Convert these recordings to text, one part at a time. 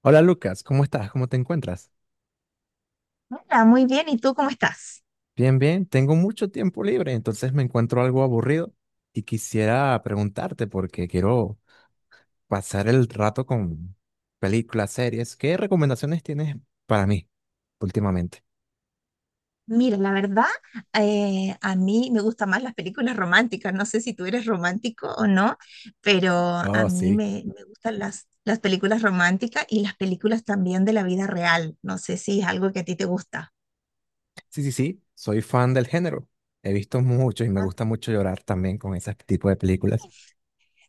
Hola Lucas, ¿cómo estás? ¿Cómo te encuentras? Hola, muy bien. ¿Y tú cómo estás? Bien, tengo mucho tiempo libre, entonces me encuentro algo aburrido y quisiera preguntarte porque quiero pasar el rato con películas, series. ¿Qué recomendaciones tienes para mí últimamente? Mira, la verdad, a mí me gustan más las películas románticas. No sé si tú eres romántico o no, pero a Oh, mí sí. me gustan las películas románticas y las películas también de la vida real. No sé si es algo que a ti te gusta. Sí, soy fan del género. He visto mucho y me Ah, gusta mucho llorar también con ese tipo de películas.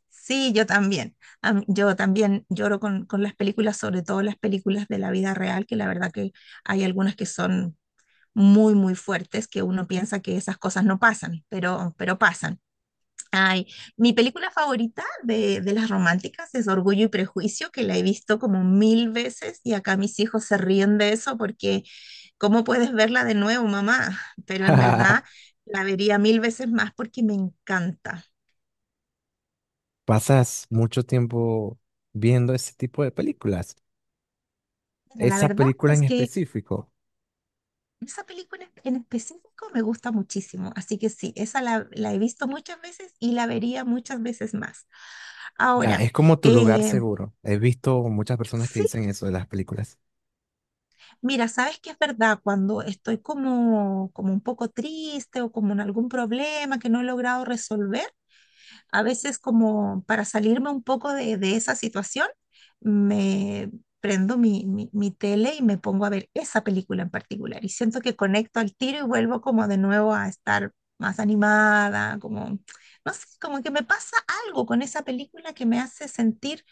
sí, yo también. Yo también lloro con las películas, sobre todo las películas de la vida real, que la verdad que hay algunas que son muy, muy fuertes, que uno piensa que esas cosas no pasan, pero pasan. Ay, mi película favorita de las románticas es Orgullo y Prejuicio, que la he visto como mil veces y acá mis hijos se ríen de eso porque ¿cómo puedes verla de nuevo, mamá? Pero en verdad la vería mil veces más porque me encanta. ¿Pasas mucho tiempo viendo ese tipo de películas? Pero la ¿Esa verdad película es en que específico? esa película en específico me gusta muchísimo, así que sí, esa la he visto muchas veces y la vería muchas veces más. Ya, Ahora, es como tu lugar eh, seguro. He visto muchas personas que sí, dicen eso de las películas. mira, sabes que es verdad, cuando estoy como un poco triste o como en algún problema que no he logrado resolver, a veces como para salirme un poco de esa situación, me prendo mi tele y me pongo a ver esa película en particular y siento que conecto al tiro y vuelvo como de nuevo a estar más animada, como, no sé, como que me pasa algo con esa película que me hace sentir,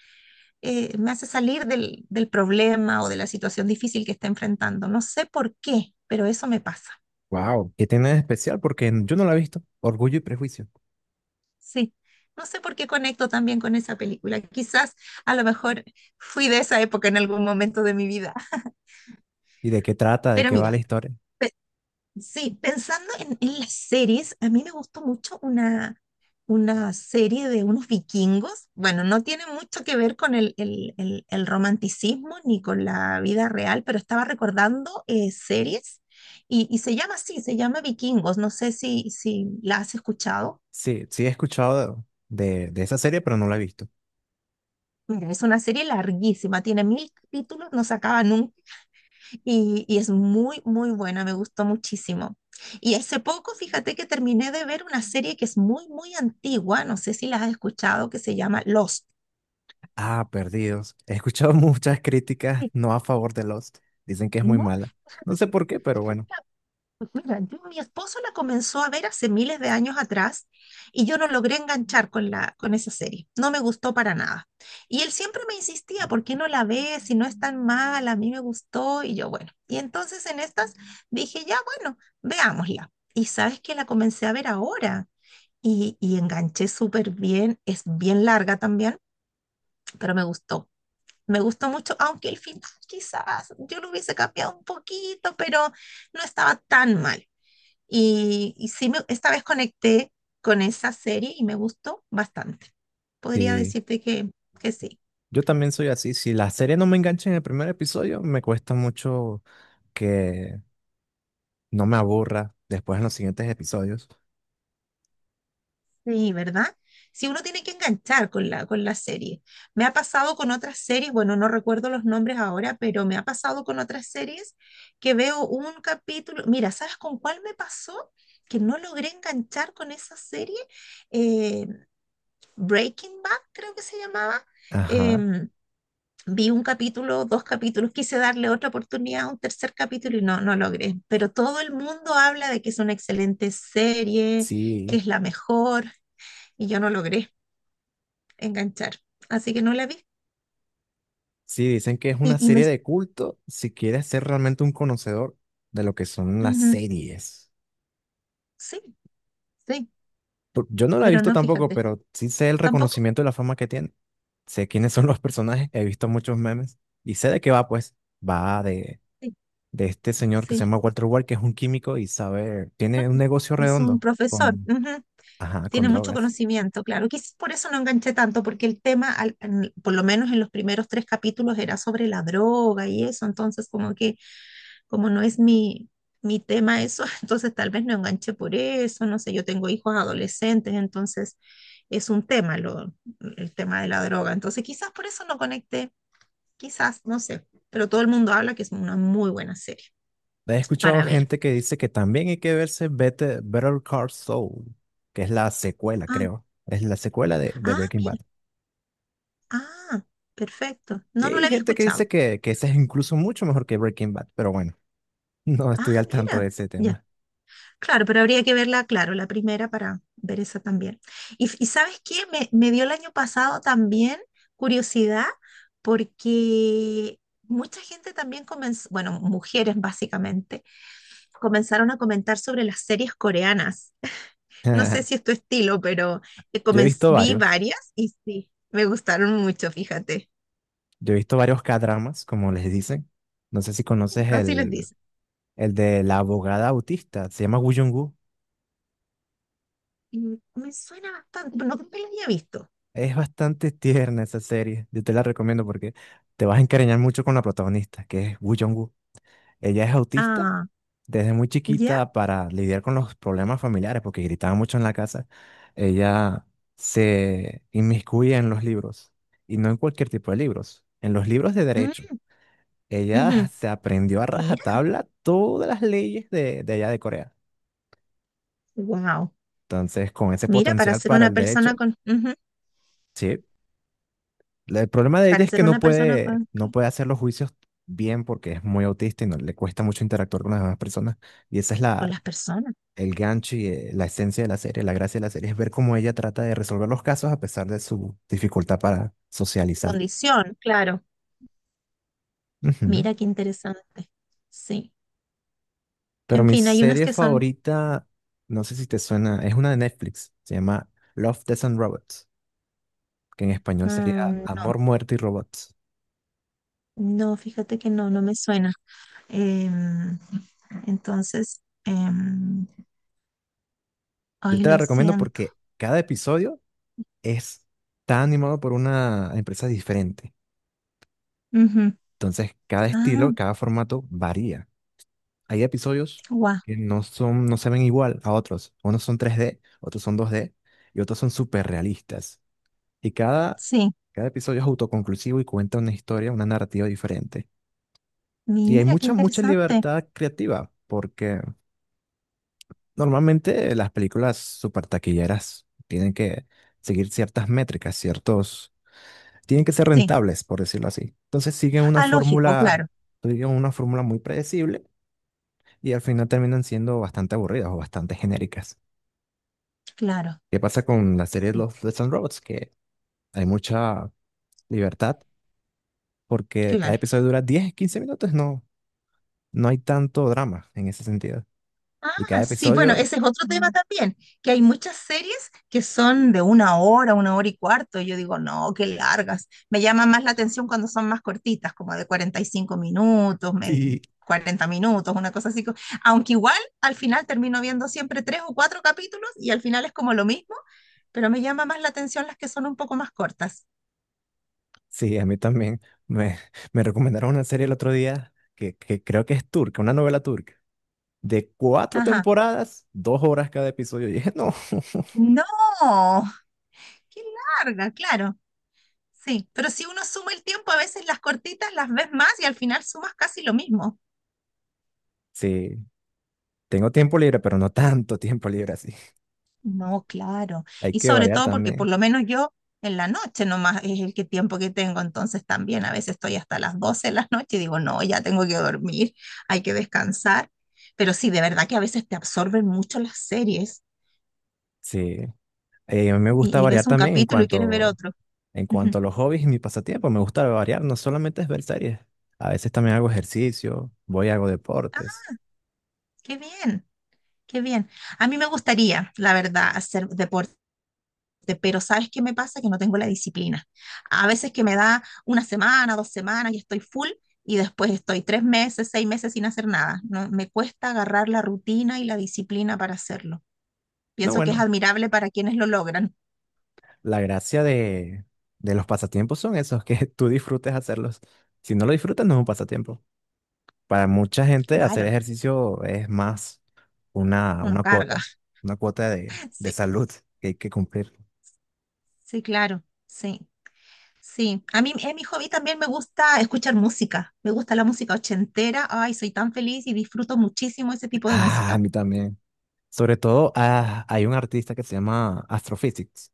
me hace salir del problema o de la situación difícil que está enfrentando. No sé por qué, pero eso me pasa. Wow, ¿qué tiene de especial? Porque yo no la he visto. Orgullo y Prejuicio. Sí, no sé por qué conecto también con esa película. Quizás a lo mejor fui de esa época en algún momento de mi vida. ¿Y de qué trata? ¿De Pero qué va la mira, historia? pe- sí, pensando en las series, a mí me gustó mucho una serie de unos vikingos. Bueno, no tiene mucho que ver con el romanticismo ni con la vida real, pero estaba recordando series, y se llama así, se llama Vikingos. No sé si la has escuchado. Sí, sí he escuchado de esa serie, pero no la he visto. Mira, es una serie larguísima, tiene mil capítulos, no se acaba nunca, y es muy, muy buena, me gustó muchísimo. Y hace poco, fíjate que terminé de ver una serie que es muy, muy antigua, no sé si la has escuchado, que se llama Lost. Ah, Perdidos. He escuchado muchas críticas Sí. no a favor de Lost. Dicen que es muy ¿No? mala. No Fíjate sé que, por qué, pero fíjate bueno. que pues mira, mi esposo la comenzó a ver hace miles de años atrás y yo no logré enganchar con con esa serie. No me gustó para nada. Y él siempre me insistía, ¿por qué no la ves? Si no es tan mala, a mí me gustó. Y yo, bueno. Y entonces en estas dije, ya, bueno, veámosla. Y sabes que la comencé a ver ahora y enganché súper bien. Es bien larga también, pero me gustó. Me gustó mucho, aunque el final quizás yo lo hubiese cambiado un poquito, pero no estaba tan mal. Y sí, esta vez conecté con esa serie y me gustó bastante. Podría Sí, decirte que sí. yo también soy así. Si la serie no me engancha en el primer episodio, me cuesta mucho que no me aburra después en los siguientes episodios. Sí, ¿verdad? Si uno tiene que enganchar con con la serie. Me ha pasado con otras series, bueno, no recuerdo los nombres ahora, pero me ha pasado con otras series que veo un capítulo. Mira, ¿sabes con cuál me pasó? Que no logré enganchar con esa serie. Eh, Breaking Bad, creo que se llamaba. Ajá, Em, Vi un capítulo, dos capítulos, quise darle otra oportunidad un tercer capítulo y no, no logré. Pero todo el mundo habla de que es una excelente serie, que sí, es la mejor, y yo no logré enganchar. Así que no la vi. sí, dicen que es Y, una y me... serie de culto si quieres ser realmente un conocedor de lo que son las Ujú, series. sí, sí, Yo no la he pero visto no, tampoco, fíjate. pero sí sé el ¿Tampoco? reconocimiento y la fama que tiene. Sé quiénes son los personajes, he visto muchos memes y sé de qué va, pues. Va Sí, de este señor que se sí, llama Walter White, que es un químico y sabe, tiene un sí. negocio Es un redondo profesor, con, ujú. ajá, con Tiene mucho drogas. conocimiento, claro. Quizás por eso no enganché tanto, porque el tema, por lo menos en los primeros tres capítulos, era sobre la droga y eso. Entonces, como que, como no es mi tema eso, entonces tal vez no enganché por eso, no sé, yo tengo hijos adolescentes, entonces es un tema lo, el tema de la droga, entonces quizás por eso no conecté, quizás, no sé, pero todo el mundo habla que es una muy buena serie He escuchado para ver. gente que dice que también hay que verse Better Call Saul, que es la secuela, Ah, creo. Es la secuela de ah, Breaking mira, Bad. ah, perfecto, no, no Y la había gente que dice escuchado. Que esa es incluso mucho mejor que Breaking Bad, pero bueno, no Ah, estoy al tanto mira, de ese ya. tema. Claro, pero habría que verla, claro, la primera para ver esa también. Y ¿sabes qué? Me dio el año pasado también curiosidad porque mucha gente también comenzó, bueno, mujeres básicamente, comenzaron a comentar sobre las series coreanas. No sé si es tu estilo, pero Yo he visto vi varios, varias y sí, me gustaron mucho, fíjate. yo he visto varios K-dramas, como les dicen. No sé si conoces Así les dice. el de la abogada autista, se llama Woo Jung-woo. Y me suena bastante, pero no creo que las había visto. Es bastante tierna esa serie, yo te la recomiendo porque te vas a encariñar mucho con la protagonista, que es Woo Jung-woo. Ella es autista Ah, desde muy ¿ya? chiquita para lidiar con los problemas familiares, porque gritaba mucho en la casa, ella se inmiscuye en los libros, y no en cualquier tipo de libros, en los libros de derecho. Mm, Ella ujú. se aprendió a Mira, rajatabla todas las leyes de allá de Corea. wow. Entonces, con ese Mira, para potencial ser para una el persona derecho, con, ujú, sí. El problema de ella para es que ser una persona no puede hacer los juicios bien porque es muy autista y no, le cuesta mucho interactuar con las demás personas. Y esa es con las personas, el gancho y la esencia de la serie, la gracia de la serie es ver cómo ella trata de resolver los casos a pesar de su dificultad para socializar. condición, claro. Ujú. Mira qué interesante. Sí. Pero En mi fin, hay unas serie que son, favorita, no sé si te suena, es una de Netflix, se llama Love, Death and Robots, que en español sería mm, no, Amor, Muerte y Robots. no, fíjate que no, no me suena. Em, entonces, Yo ay, te la lo recomiendo siento. porque cada episodio es, está animado por una empresa diferente. Ujú. Entonces, cada Ah, estilo, cada formato varía. Hay episodios guau, que no son, no se ven igual a otros. Unos son 3D, otros son 2D y otros son súper realistas. Y sí. cada episodio es autoconclusivo y cuenta una historia, una narrativa diferente. Y hay Mira qué mucha interesante. libertad creativa, porque normalmente las películas super taquilleras tienen que seguir ciertas métricas, ciertos... Tienen que ser Sí. rentables, por decirlo así. Entonces siguen una Ah, lógico, fórmula, claro, digamos, una fórmula muy predecible y al final terminan siendo bastante aburridas o bastante genéricas. claro, ¿Qué pasa con la serie de sí, los Death and Robots? Que hay mucha libertad porque cada claro. episodio dura 10 15 minutos. No, no hay tanto drama en ese sentido. Y cada Ah, sí, bueno, episodio, ese es otro tema también, que hay muchas series que son de una hora y cuarto. Y yo digo, no, qué largas. Me llama más la atención cuando son más cortitas, como de 45 minutos, sí, 40 minutos, una cosa así. Aunque igual al final termino viendo siempre tres o cuatro capítulos y al final es como lo mismo, pero me llama más la atención las que son un poco más cortas. sí, a mí también. Me, me recomendaron una serie el otro día que creo que es turca, una novela turca, de cuatro Ajá. temporadas, 2 horas cada episodio. Y dije, no, No, qué larga, claro. Sí, pero si uno suma el tiempo, a veces las cortitas las ves más y al final sumas casi lo mismo. sí, tengo tiempo libre, pero no tanto tiempo libre así. No, claro. Hay Y que sobre variar todo porque por también. lo menos yo en la noche nomás es el que tiempo que tengo, entonces también a veces estoy hasta las 12 de la noche y digo, no, ya tengo que dormir, hay que descansar. Pero sí, de verdad que a veces te absorben mucho las series Sí, a mí me gusta y ves variar un también capítulo y quieres ver otro. En Ujú. cuanto a los hobbies y mi pasatiempo, me gusta variar, no solamente es ver series, a veces también hago ejercicio, voy y hago Ah, deportes. qué bien, qué bien. A mí me gustaría, la verdad, hacer deporte. Pero ¿sabes qué me pasa? Que no tengo la disciplina. A veces que me da una semana, 2 semanas y estoy full, y después estoy 3 meses, 6 meses sin hacer nada. No, me cuesta agarrar la rutina y la disciplina para hacerlo. No, Pienso que es bueno, admirable para quienes lo logran. la gracia de los pasatiempos son esos, que tú disfrutes hacerlos. Si no lo disfrutas, no es un pasatiempo. Para mucha gente, hacer Claro, ejercicio es más una, uno una carga. cuota, una cuota de Sí, salud que hay que cumplir. sí, claro, sí. Sí, a mí en mi hobby también me gusta escuchar música, me gusta la música ochentera, ay, soy tan feliz y disfruto muchísimo ese tipo de Ah, a música. mí también. Sobre todo, ah, hay un artista que se llama Astrophysics.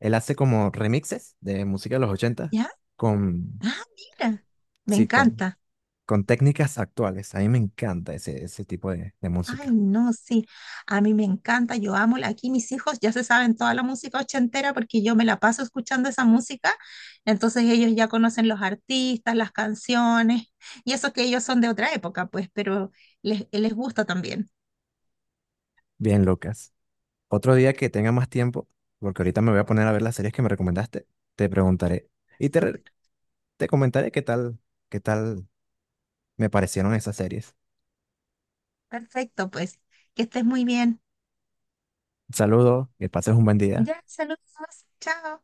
Él hace como remixes de música de los 80 ¿Ya? con, Ah, mira, me sí, encanta. con técnicas actuales. A mí me encanta ese tipo de Ay, música. no, sí, a mí me encanta, yo amo, aquí mis hijos ya se saben toda la música ochentera porque yo me la paso escuchando esa música, entonces ellos ya conocen los artistas, las canciones, y eso que ellos son de otra época, pues, pero les gusta también. Bien locas. Otro día que tenga más tiempo, porque ahorita me voy a poner a ver las series que me recomendaste, te preguntaré y Súper, te comentaré qué tal me parecieron esas series. perfecto, pues, que estés muy bien. Saludos, que pases un buen día. Ya, saludos, chao.